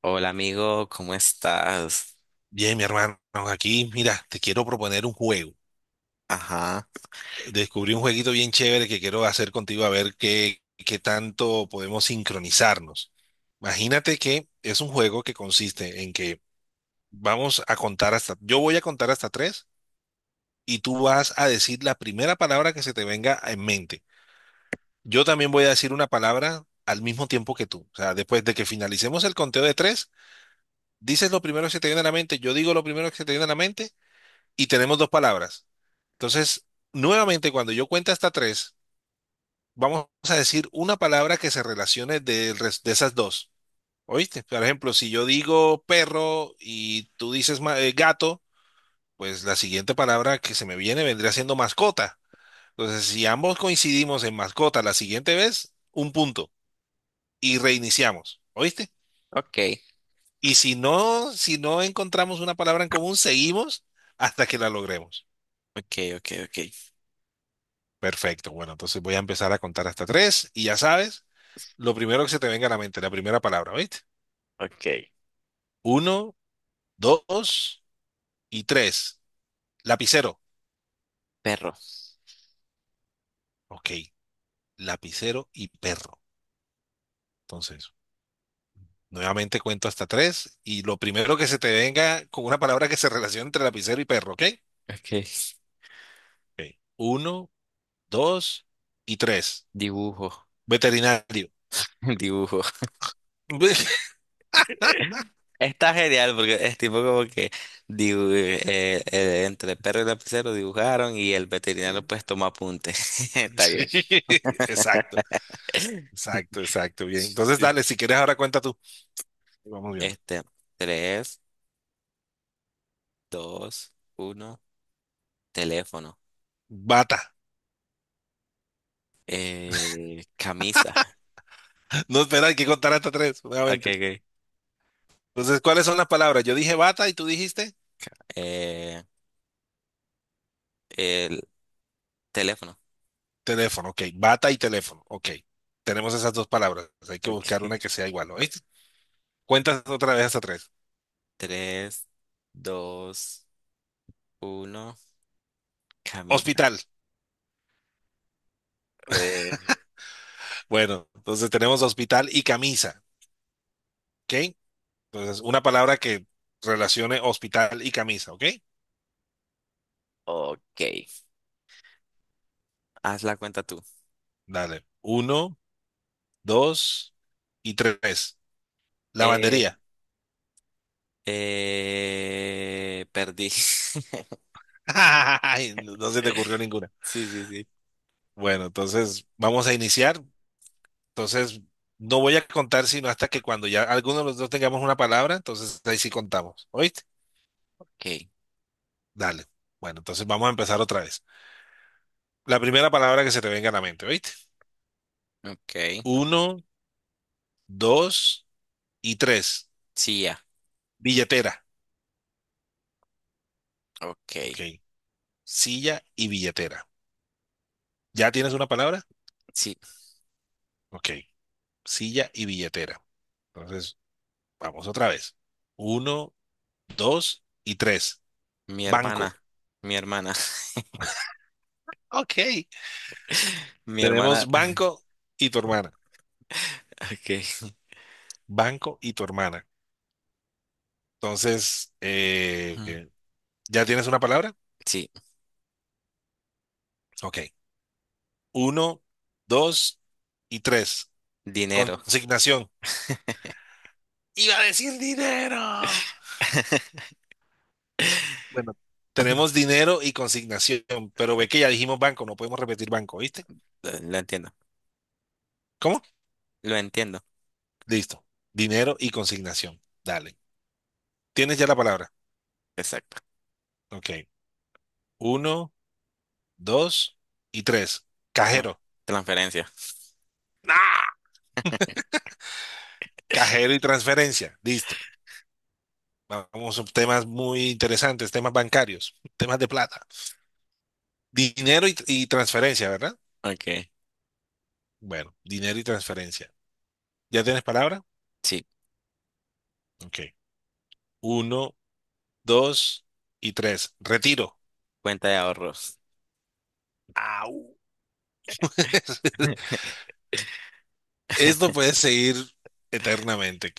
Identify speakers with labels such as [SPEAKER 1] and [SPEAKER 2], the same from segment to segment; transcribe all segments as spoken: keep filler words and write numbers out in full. [SPEAKER 1] Hola amigo, ¿cómo estás?
[SPEAKER 2] Bien, mi hermano, aquí, mira, te quiero proponer un juego.
[SPEAKER 1] Ajá.
[SPEAKER 2] Descubrí un jueguito bien chévere que quiero hacer contigo a ver qué, qué tanto podemos sincronizarnos. Imagínate que es un juego que consiste en que vamos a contar hasta, yo voy a contar hasta tres y tú vas a decir la primera palabra que se te venga en mente. Yo también voy a decir una palabra al mismo tiempo que tú. O sea, después de que finalicemos el conteo de tres, dices lo primero que se te viene a la mente, yo digo lo primero que se te viene a la mente y tenemos dos palabras. Entonces, nuevamente, cuando yo cuente hasta tres, vamos a decir una palabra que se relacione del res- de, esas dos. ¿Oíste? Por ejemplo, si yo digo perro y tú dices ma- eh, gato, pues la siguiente palabra que se me viene vendría siendo mascota. Entonces, si ambos coincidimos en mascota la siguiente vez, un punto y reiniciamos. ¿Oíste?
[SPEAKER 1] Ok,
[SPEAKER 2] Y si no, si no encontramos una palabra en común, seguimos hasta que la logremos.
[SPEAKER 1] ok, ok, ok,
[SPEAKER 2] Perfecto. Bueno, entonces voy a empezar a contar hasta tres y ya sabes. Lo primero que se te venga a la mente, la primera palabra, ¿viste?
[SPEAKER 1] ok.
[SPEAKER 2] Uno, dos y tres. Lapicero.
[SPEAKER 1] Perro.
[SPEAKER 2] Ok, lapicero y perro. Entonces, nuevamente cuento hasta tres y lo primero que se te venga con una palabra que se relacione entre lapicero y perro, ¿ok?
[SPEAKER 1] Ok.
[SPEAKER 2] Ok. Uno, dos y tres.
[SPEAKER 1] Dibujo,
[SPEAKER 2] Veterinario.
[SPEAKER 1] dibujo. Está genial porque es tipo como que dibu- eh, eh, entre el perro y el lapicero dibujaron y el veterinario pues tomó apunte. Está
[SPEAKER 2] Sí,
[SPEAKER 1] bien.
[SPEAKER 2] exacto, exacto, exacto. Bien. Entonces,
[SPEAKER 1] Sí.
[SPEAKER 2] dale, si quieres, ahora cuenta tú. Vamos bien.
[SPEAKER 1] Este, tres, dos, uno, teléfono.
[SPEAKER 2] Bata.
[SPEAKER 1] Eh, camisa.
[SPEAKER 2] No, espera, hay que contar hasta tres,
[SPEAKER 1] Ok,
[SPEAKER 2] nuevamente.
[SPEAKER 1] ok.
[SPEAKER 2] Entonces, ¿cuáles son las palabras? Yo dije bata y tú dijiste
[SPEAKER 1] Eh, el teléfono.
[SPEAKER 2] teléfono. Ok, bata y teléfono. Ok, tenemos esas dos palabras. Hay que buscar una
[SPEAKER 1] Ok.
[SPEAKER 2] que sea igual. ¿Oíste? Cuentas otra vez hasta tres.
[SPEAKER 1] Tres, dos, uno. Camisa.
[SPEAKER 2] Hospital.
[SPEAKER 1] Eh,
[SPEAKER 2] Bueno, entonces tenemos hospital y camisa. Ok, entonces una palabra que relacione hospital y camisa. Ok,
[SPEAKER 1] ok. Haz la cuenta tú.
[SPEAKER 2] dale. Uno, dos y tres.
[SPEAKER 1] Eh,
[SPEAKER 2] Lavandería.
[SPEAKER 1] eh, perdí.
[SPEAKER 2] Ay, no no se te ocurrió ninguna.
[SPEAKER 1] Sí, sí, sí.
[SPEAKER 2] Bueno, entonces vamos a iniciar. Entonces, no voy a contar sino hasta que cuando ya alguno de los dos tengamos una palabra, entonces ahí sí contamos. ¿Oíste?
[SPEAKER 1] Ok.
[SPEAKER 2] Dale. Bueno, entonces vamos a empezar otra vez. La primera palabra que se te venga a la mente, ¿oíste?
[SPEAKER 1] Ok.
[SPEAKER 2] Uno, dos y tres.
[SPEAKER 1] Sí, ya.
[SPEAKER 2] Billetera.
[SPEAKER 1] Ok.
[SPEAKER 2] Ok. Silla y billetera. ¿Ya tienes una palabra?
[SPEAKER 1] Sí.
[SPEAKER 2] Ok. Silla y billetera. Entonces, vamos otra vez. Uno, dos y tres.
[SPEAKER 1] Mi
[SPEAKER 2] Banco.
[SPEAKER 1] hermana. Mi hermana.
[SPEAKER 2] Ok.
[SPEAKER 1] Mi hermana.
[SPEAKER 2] Tenemos banco y tu hermana.
[SPEAKER 1] Ok.
[SPEAKER 2] Banco y tu hermana. Entonces,
[SPEAKER 1] Ujú.
[SPEAKER 2] eh, ¿ya tienes una palabra?
[SPEAKER 1] Sí.
[SPEAKER 2] Ok. Uno, dos y tres.
[SPEAKER 1] Dinero.
[SPEAKER 2] Consignación. Iba a decir dinero. Bueno, tenemos dinero y consignación, pero ve
[SPEAKER 1] Ok,
[SPEAKER 2] que ya dijimos banco, no podemos repetir banco, ¿viste?
[SPEAKER 1] Lo lo entiendo.
[SPEAKER 2] ¿Cómo?
[SPEAKER 1] Lo entiendo.
[SPEAKER 2] Listo. Dinero y consignación. Dale. Tienes ya la palabra.
[SPEAKER 1] Exacto.
[SPEAKER 2] Ok. Uno, dos y tres.
[SPEAKER 1] Ah,
[SPEAKER 2] Cajero.
[SPEAKER 1] transferencia.
[SPEAKER 2] ¡Ah! Cajero y transferencia. Listo. Vamos a temas muy interesantes, temas bancarios, temas de plata. Dinero y, y transferencia, ¿verdad?
[SPEAKER 1] Ok.
[SPEAKER 2] Bueno, dinero y transferencia. ¿Ya tienes palabra?
[SPEAKER 1] Sí.
[SPEAKER 2] Ok. Uno, dos y tres. Retiro.
[SPEAKER 1] Cuenta de ahorros.
[SPEAKER 2] Au. Esto puede seguir eternamente.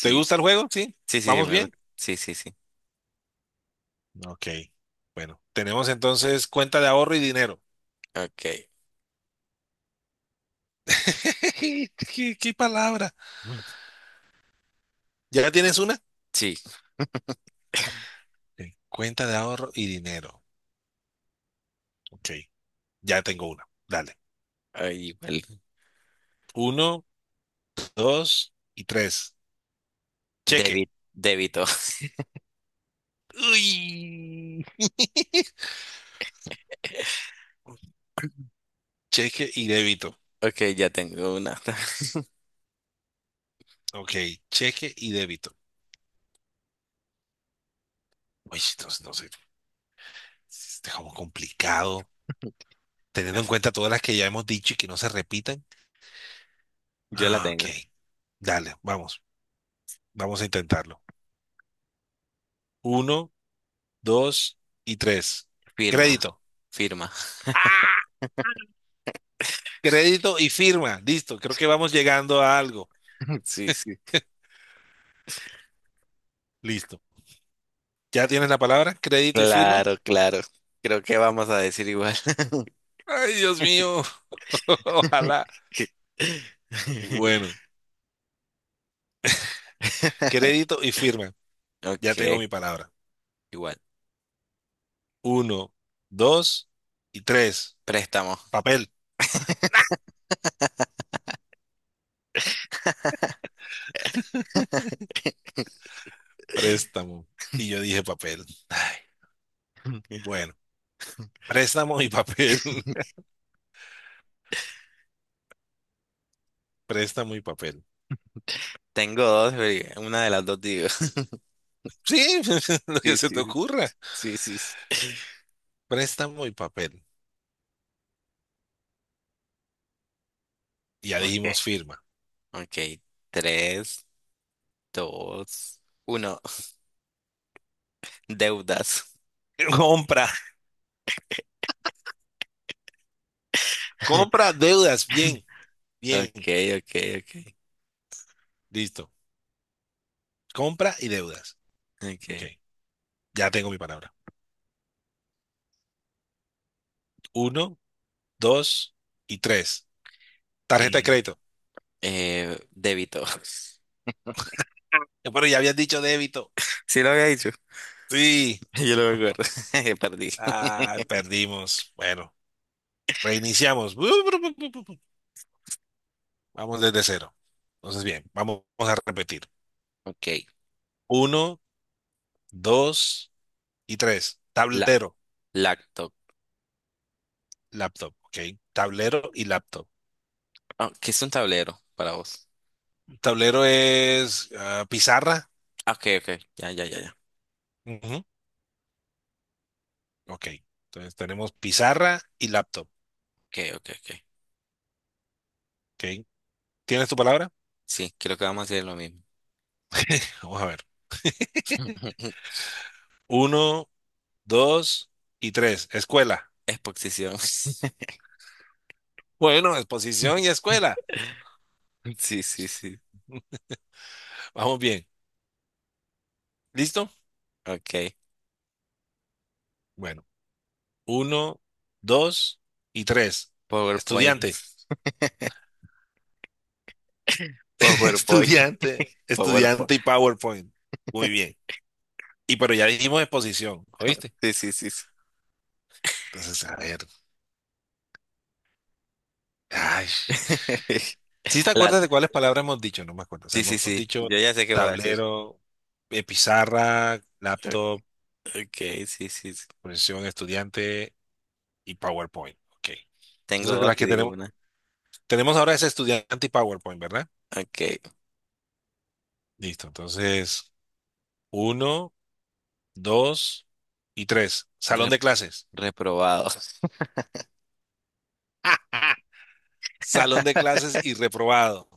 [SPEAKER 2] ¿Te gusta el juego? ¿Sí?
[SPEAKER 1] Sí, sí, sí,
[SPEAKER 2] ¿Vamos
[SPEAKER 1] me
[SPEAKER 2] bien?
[SPEAKER 1] gusta. Sí, sí, sí.
[SPEAKER 2] Ok. Bueno, tenemos entonces cuenta de ahorro y dinero.
[SPEAKER 1] Ok.
[SPEAKER 2] ¿Qué, qué palabra?
[SPEAKER 1] Mm,
[SPEAKER 2] ¿Ya tienes una?
[SPEAKER 1] sí,
[SPEAKER 2] Ok, cuenta de ahorro y dinero. Ok. Ya tengo una. Dale.
[SPEAKER 1] ahí igual.
[SPEAKER 2] Uno, dos y tres. Cheque.
[SPEAKER 1] Débito. Débito.
[SPEAKER 2] Uy. Cheque y débito.
[SPEAKER 1] Ok, ya tengo una.
[SPEAKER 2] Ok, cheque y débito. Uy, entonces, no sé, está como complicado, teniendo en cuenta todas las que ya hemos dicho y que no se repitan.
[SPEAKER 1] Yo la
[SPEAKER 2] Ah, ok,
[SPEAKER 1] tengo.
[SPEAKER 2] dale, vamos, vamos a intentarlo. Uno, dos y tres.
[SPEAKER 1] Firma.
[SPEAKER 2] Crédito.
[SPEAKER 1] Firma.
[SPEAKER 2] ¡Ah! Crédito y firma. Listo, creo que vamos llegando a algo.
[SPEAKER 1] Sí, sí.
[SPEAKER 2] Listo. ¿Ya tienes la palabra? Crédito y firma.
[SPEAKER 1] Claro, claro. Creo que vamos a decir igual.
[SPEAKER 2] Ay, Dios mío. Ojalá. Bueno, crédito y firma.
[SPEAKER 1] Ok,
[SPEAKER 2] Ya tengo mi palabra.
[SPEAKER 1] igual.
[SPEAKER 2] Uno, dos y tres.
[SPEAKER 1] Préstamo.
[SPEAKER 2] Papel, préstamo. Y yo dije papel. Ay, bueno, préstamo y papel. Préstamo y papel.
[SPEAKER 1] Tengo dos, pero una de las dos digo.
[SPEAKER 2] Sí, lo que
[SPEAKER 1] Sí,
[SPEAKER 2] se te
[SPEAKER 1] sí,
[SPEAKER 2] ocurra.
[SPEAKER 1] sí, sí, sí.
[SPEAKER 2] Préstamo y papel. Y ya dijimos
[SPEAKER 1] Ok.
[SPEAKER 2] firma.
[SPEAKER 1] Ok, tres, dos, uno. Deudas.
[SPEAKER 2] Compra, compra, deudas. Bien, bien.
[SPEAKER 1] Ok, ok, ok,
[SPEAKER 2] Listo. Compra y deudas. Ok,
[SPEAKER 1] ok.
[SPEAKER 2] ya tengo mi palabra. Uno, dos y tres. Tarjeta de
[SPEAKER 1] Eh,
[SPEAKER 2] crédito.
[SPEAKER 1] eh, débito.
[SPEAKER 2] Eh, Pero ya habías dicho débito.
[SPEAKER 1] Sí lo había dicho.
[SPEAKER 2] Sí.
[SPEAKER 1] Yo lo recuerdo. Perdí.
[SPEAKER 2] Ah, perdimos. Bueno, reiniciamos. Vamos desde cero. Entonces, bien, vamos a repetir.
[SPEAKER 1] Ok.
[SPEAKER 2] Uno, dos y tres.
[SPEAKER 1] La,
[SPEAKER 2] Tablero,
[SPEAKER 1] lacto.
[SPEAKER 2] laptop. Ok, tablero y laptop.
[SPEAKER 1] Ah, ¿qué es un tablero para vos?
[SPEAKER 2] Tablero es ah, pizarra.
[SPEAKER 1] Ah, ok, ok. Ya, ya, ya, ya.
[SPEAKER 2] Ujú, ok, entonces tenemos pizarra y laptop.
[SPEAKER 1] Ok, ok, ok.
[SPEAKER 2] Ok, ¿tienes tu palabra?
[SPEAKER 1] Sí, creo que vamos a hacer lo mismo.
[SPEAKER 2] Vamos a ver. Uno, dos y tres. Escuela.
[SPEAKER 1] Exposición.
[SPEAKER 2] Bueno, exposición y escuela.
[SPEAKER 1] Sí, sí, sí.
[SPEAKER 2] Vamos bien. ¿Listo?
[SPEAKER 1] Ok.
[SPEAKER 2] Bueno. Uno, dos y tres.
[SPEAKER 1] PowerPoint.
[SPEAKER 2] Estudiante,
[SPEAKER 1] PowerPoint.
[SPEAKER 2] estudiante,
[SPEAKER 1] PowerPoint.
[SPEAKER 2] estudiante y PowerPoint. Muy bien. Y pero ya dijimos exposición, ¿oíste?
[SPEAKER 1] Sí, sí, sí, sí.
[SPEAKER 2] Entonces, a ver. Ay. ¿Sí te
[SPEAKER 1] La...
[SPEAKER 2] acuerdas de cuáles palabras hemos dicho? No me acuerdo. O sea,
[SPEAKER 1] Sí, sí,
[SPEAKER 2] hemos
[SPEAKER 1] sí.
[SPEAKER 2] dicho
[SPEAKER 1] Yo ya sé qué voy a decir.
[SPEAKER 2] tablero, eh, pizarra,
[SPEAKER 1] O-
[SPEAKER 2] laptop,
[SPEAKER 1] Ok, sí, sí, sí.
[SPEAKER 2] posición estudiante y PowerPoint. Ok.
[SPEAKER 1] Tengo
[SPEAKER 2] Entonces,
[SPEAKER 1] dos
[SPEAKER 2] las
[SPEAKER 1] y
[SPEAKER 2] que
[SPEAKER 1] digo
[SPEAKER 2] tenemos,
[SPEAKER 1] una.
[SPEAKER 2] tenemos ahora es estudiante y PowerPoint, ¿verdad?
[SPEAKER 1] Ok.
[SPEAKER 2] Listo. Entonces, uno, dos y tres.
[SPEAKER 1] Re-
[SPEAKER 2] Salón de clases.
[SPEAKER 1] reprobado.
[SPEAKER 2] Salón de clases y reprobado.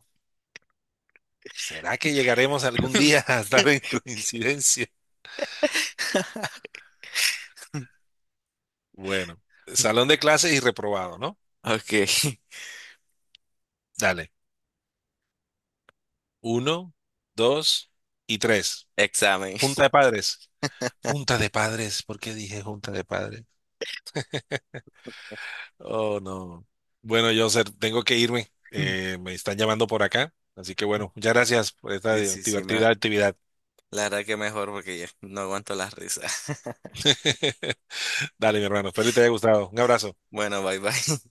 [SPEAKER 2] ¿Será que llegaremos algún día a estar en coincidencia? Bueno, salón de clases y reprobado, ¿no?
[SPEAKER 1] Ok.
[SPEAKER 2] Dale. Uno, dos y tres.
[SPEAKER 1] Examen.
[SPEAKER 2] Junta de padres. Junta de padres. ¿Por qué dije junta de padres? Oh, no. Bueno, yo tengo que irme.
[SPEAKER 1] Mm.
[SPEAKER 2] Eh, me están llamando por acá. Así que bueno, muchas gracias por esta
[SPEAKER 1] Sí, sí, sí. me-
[SPEAKER 2] divertida actividad.
[SPEAKER 1] La verdad que mejor porque ya no aguanto las risas.
[SPEAKER 2] Dale, mi hermano. Espero que te haya gustado. Un abrazo.
[SPEAKER 1] Bueno, bye, bye.